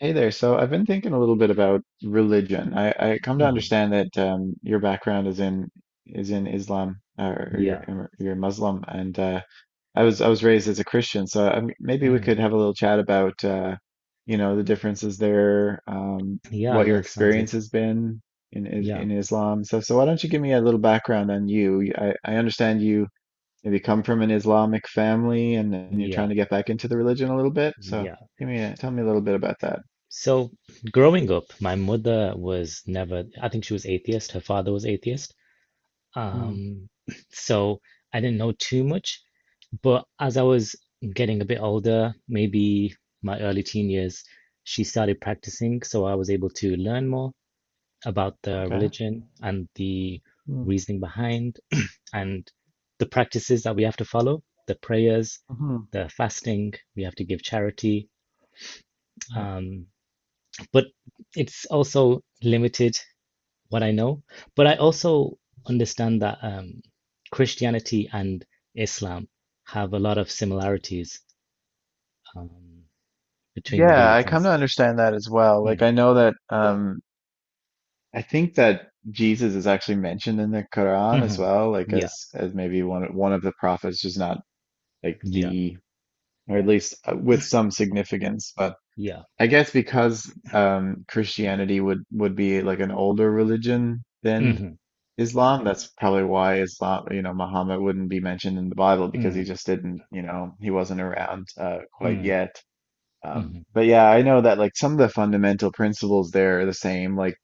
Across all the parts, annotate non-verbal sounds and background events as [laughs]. Hey there. So I've been thinking a little bit about religion. I come to Hmm. understand that your background is in Islam, or Yeah. you're Muslim, and I was raised as a Christian. So maybe we Mm. could have a little chat about you know, the differences there, Yeah, what your yeah, sounds experience good. has been in Yeah, Islam. So why don't you give me a little background on you? I understand you maybe come from an Islamic family, and you're yeah, trying to get back into the religion a little bit. So yeah. give me a, tell me a little bit about that. So growing up, my mother was never, I think she was atheist. Her father was atheist. Um, [clears throat] so I didn't know too much, but as I was getting a bit older, maybe my early teen years, she started practicing, so I was able to learn more about the Okay. religion and the Mm. reasoning behind and the practices that we have to follow, the prayers, Mhm. the fasting, we have to give charity. Right. Um, but it's also limited what I know. But I also understand that Christianity and Islam have a lot of similarities um, between the Yeah, I come to religions. understand that as well. Like Mm. I know that I think that Jesus is actually mentioned in the Quran as Hmm. well, like Yeah, as maybe one of the prophets, just not like yeah, the, or at least with some significance. But yeah. I guess because Christianity would be like an older religion than Hmm. Islam. That's probably why Islam, you know, Muhammad wouldn't be mentioned in the Bible, because he Mm, just didn't, you know, he wasn't around quite mm. yet. Hmm. But yeah, I know that like some of the fundamental principles there are the same, like,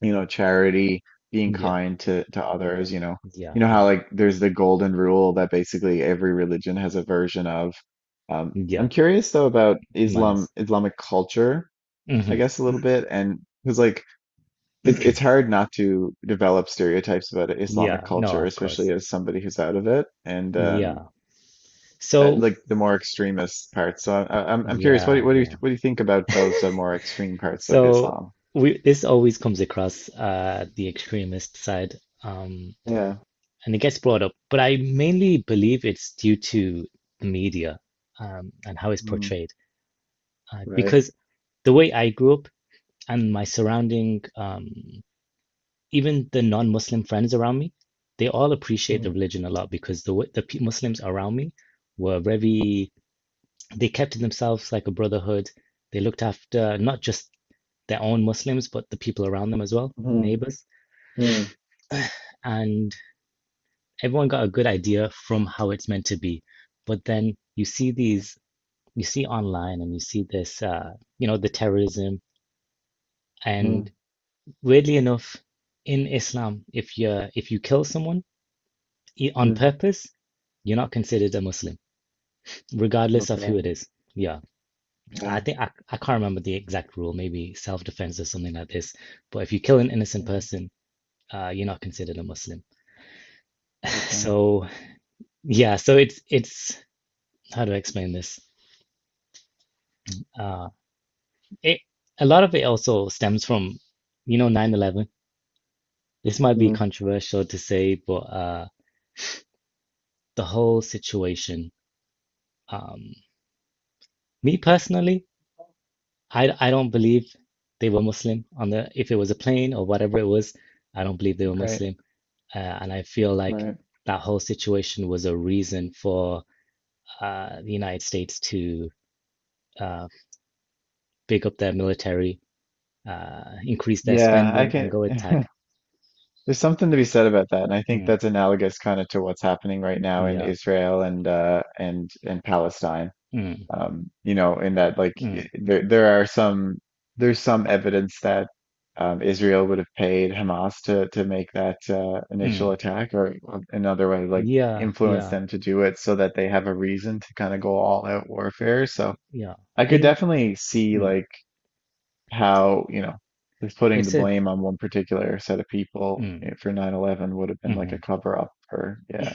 you know, charity, being Yeah, kind to others, you know. yeah, You know how yeah, like there's the golden rule that basically every religion has a version of. I'm yeah. curious though about Islam, Manners. Islamic culture, I Hmm. guess a little bit, and because like it's hard not to develop stereotypes about Islamic Yeah, no, culture, of especially course. as somebody who's out of it. And Yeah. So, Like the more extremist parts. So I'm curious, what do yeah, you, what do you yeah. what do you think about those more extreme parts of So Islam? we this always comes across the extremist side um Yeah. and it gets brought up, but I mainly believe it's due to the media and how it's Mm, portrayed. Right. Because the way I grew up and my surrounding even the non-Muslim friends around me, they all appreciate the Mm, religion a lot because the way- the pe- Muslims around me were very they kept to themselves like a brotherhood. They looked after not just their own Muslims, but the people around them as well, mm, neighbors. mm, And everyone got a good idea from how it's meant to be. But then you see yeah, these, you see online and you see this, the terrorism. And mm, weirdly enough, in Islam, if you kill someone on mm. purpose, you're not considered a Muslim, regardless of who Okay. it is. Yeah. Yeah. I think I can't remember the exact rule, maybe self-defense or something like this. But if you kill an innocent Yeah. person, you're not considered a Muslim. [laughs] Okay. So yeah, so it's how do I explain this? Uh, it A lot of it also stems from, 9/11. This might be Mm. controversial to say, but the whole situation. Um, Me personally, I don't believe they were Muslim on the if it was a plane or whatever it was. I don't believe they were Right. Muslim. And I feel like Right. that whole situation was a reason for the United States to uh, big up their military, increase their Yeah, I spending, and can. go attack. [laughs] There's something to be said about that, and I think Mm, that's analogous kind of to what's happening right now in yeah. Israel and and Palestine. Mm, You know, in that like mm, there there are some, there's some evidence that Israel would have paid Hamas to make that initial mm. attack, or another way, like Yeah. influence Yeah. them to do it so that they have a reason to kind of go all out warfare. So Yeah. I could In definitely see mm, like how, you know, just putting the it's a blame on one particular set of people mm, for 9/11 would have been like hmm a cover up for, yeah.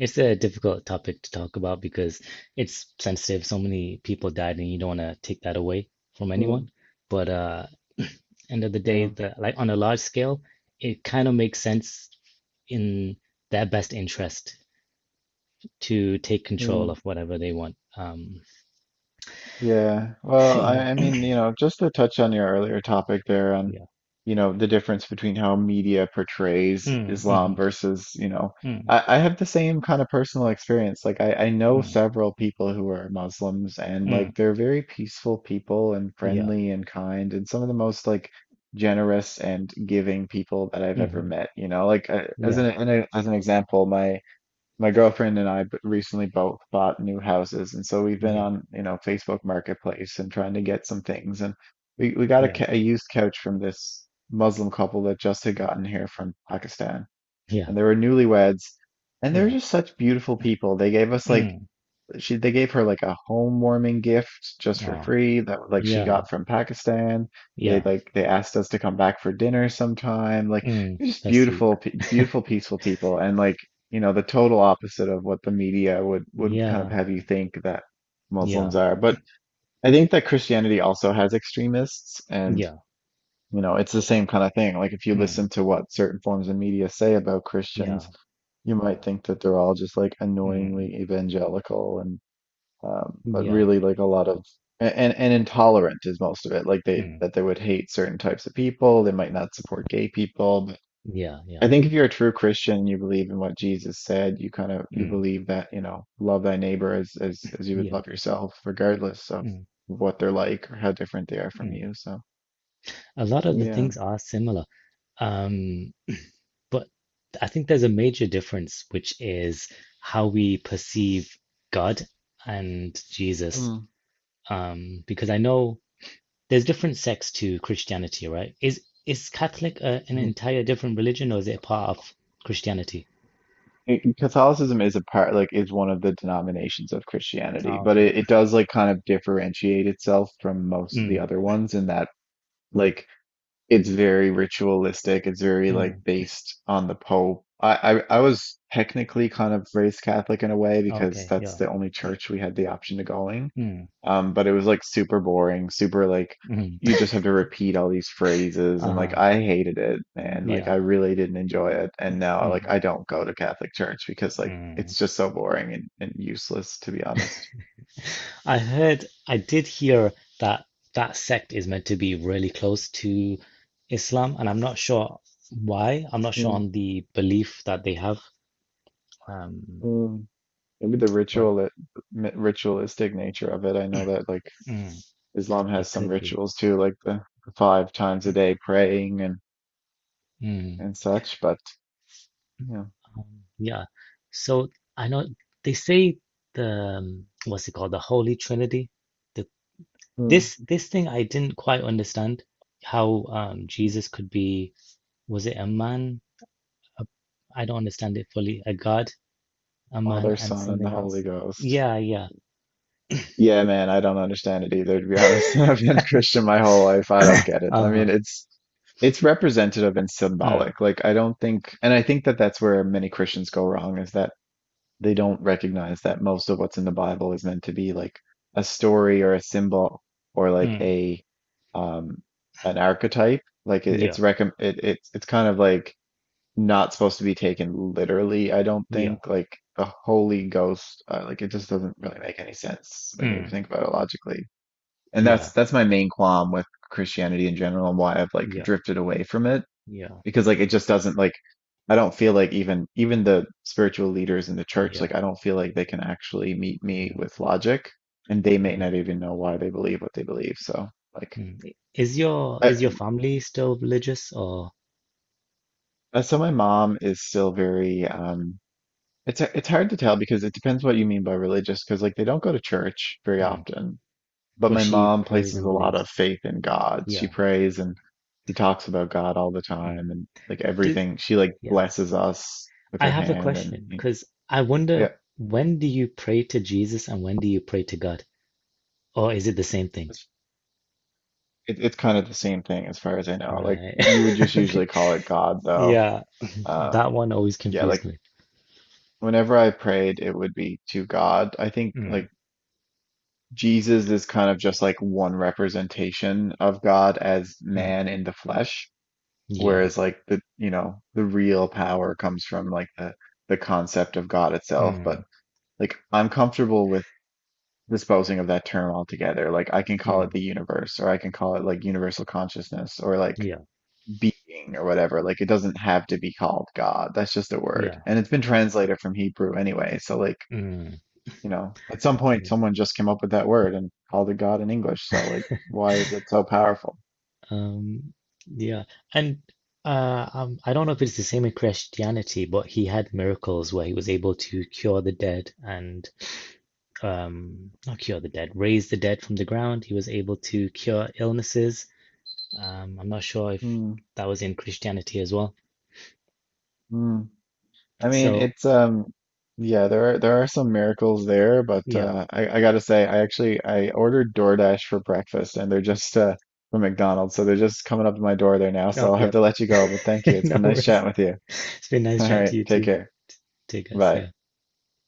It's a difficult topic to talk about because it's sensitive. So many people died, and you don't want to take that away from Mm, anyone. But end of the day, the like on a large scale, it kind of makes sense in their best interest to take yeah. control of whatever they want. Yeah. [laughs] Well, yeah, I mean, you know, just to touch on your earlier topic there on, yeah. you know, the difference between how media portrays Mm, Islam mm-hmm, versus, you know, mm, I have the same kind of personal experience. Like I know mm, several people who are Muslims, and mm, like they're very peaceful people and yeah, friendly and kind, and some of the most like generous and giving people that I've ever mm-hmm, met, you know, like as yeah, an as an example, my girlfriend and I recently both bought new houses, and so we've been yeah, on, you know, Facebook Marketplace and trying to get some things. And we got a, yeah, a used couch from this Muslim couple that just had gotten here from Pakistan, yeah, and they were newlyweds, and they were yeah. just such beautiful people. They gave us like Mm, she they gave her like a home warming gift just for oh, free that like she yeah, got from Pakistan. They yeah. like they asked us to come back for dinner sometime. Like Mm, they're just that's sweet. beautiful, beautiful, peaceful people, and like, you know, the total opposite of what the media would kind of Yeah, have you think that yeah, Muslims are. But I think that Christianity also has extremists, and yeah. you know it's the same kind of thing. Like if you Mm, listen to what certain forms of media say about yeah, Christians, you might think that they're all just like mm, annoyingly evangelical and but yeah, really like a lot of and intolerant is most of it. Like they mm, that they would hate certain types of people. They might not support gay people. But I yeah, think if you're a true Christian, you believe in what Jesus said. You kind of you mm, believe that, you know, love thy neighbor as as you would yeah, love yourself, regardless of mm, what they're like or how different they are from mm. you. So A lot of the yeah. things are similar. Um, But I think there's a major difference, which is how we perceive God and Jesus. Mm. Because I know there's different sects to Christianity, right? Is Catholic an Mhm. entire different religion, or is it a part of Christianity? It- Catholicism is a part, like, is one of the denominations of Christianity, Ah, but okay. it does like kind of differentiate itself from most of the Mm, other ones in that. Like it's very ritualistic. It's very like mm, based on the Pope. I was technically kind of raised Catholic in a way, because okay. that's Yeah. the only church we had the option to going. Mm, But it was like super boring, super like you mm. just have to repeat all these phrases, and like Uh-huh. I hated it, man. Like Yeah. I really didn't enjoy it. And now like Mm, I don't go to Catholic church, because like mm. it's just so boring and useless, to be honest. I did hear that that sect is meant to be really close to Islam, and I'm not sure why. I'm not sure Mm, on the belief that they have, um, mm. Maybe the but ritualistic nature of it. I know that like mm, Islam has it some could be. rituals too, like the five times a day praying Mm, and such. But you know, um, yeah. So I know they say the, what's it called, the Holy Trinity. The Hmm. this this thing I didn't quite understand how Jesus could be was it a man? A, I don't understand it fully. A God a man Father, and Son, and the something Holy else. Ghost. Yeah, yeah. Yeah, man, I don't understand it either, to be honest. [laughs] I've [coughs] been Christian my whole life. I don't [laughs] get it. I mean, Uh-huh. it's representative and Mm, symbolic. Like I don't think, and I think that that's where many Christians go wrong, is that they don't recognize that most of what's in the Bible is meant to be like a story or a symbol or like mm, a um an archetype. Like it, it's yeah, recom it, it's kind of like not supposed to be taken literally, I don't yeah, think. Like the Holy Ghost, like it just doesn't really make any sense when you mm, think about it logically. And yeah, that's my main qualm with Christianity in general, and why I've like yeah, drifted away from it, yeah, because like it just doesn't like, I don't feel like even the spiritual leaders in the church, yeah, like I don't feel like they can actually meet me yeah. with logic, and they may Mm, not even know why they believe what they believe. So like mm. I- Is your I is your family still religious, or so my mom is still very it's hard to tell, because it depends what you mean by religious, because like they don't go to church very mm, often, but but my she mom prays places and a lot believes? of faith in God. She Yeah. prays, and she talks about God all the Mm. time, and like Do, everything she like yeah. blesses us with I her have a hand and question because I wonder when do you pray to Jesus and when do you pray to God? Or is it the same thing? It's it, it's kind of the same thing as far as I know. Like Right. you would just [laughs] Okay. usually call it God though. Yeah, Um that one always yeah, like confused me. whenever I prayed it would be to God. I think Mm, like Jesus is kind of just like one representation of God as mm. man in the flesh, Yeah. whereas like the, you know, the real power comes from like the concept of God itself. Mm, But like I'm comfortable with disposing of that term altogether. Like I can call it mm. the universe, or I can call it like universal consciousness, or like Yeah. being or whatever. Like it doesn't have to be called God. That's just a word. Yeah. And it's been translated from Hebrew anyway. So like, Mm. you know, at some point Yeah. someone just came up with that word and called it God in English. So like, why is it so powerful? Um, yeah. And I don't know if it's the same in Christianity, but he had miracles where he was able to cure the dead and not cure the dead, raise the dead from the ground. He was able to cure illnesses. I'm not sure if Hmm. that was in Christianity as well. Hmm. I mean, So, it's yeah, there are some miracles there, but yeah. I gotta say, I actually I ordered DoorDash for breakfast, and they're just from McDonald's. So they're just coming up to my door there now. So No, I'll have yep. to let you [laughs] go, but thank you. It's No been nice worries. chatting with you. It's been [laughs] nice All chatting right, to you take too. care. Take us. Bye. Yeah.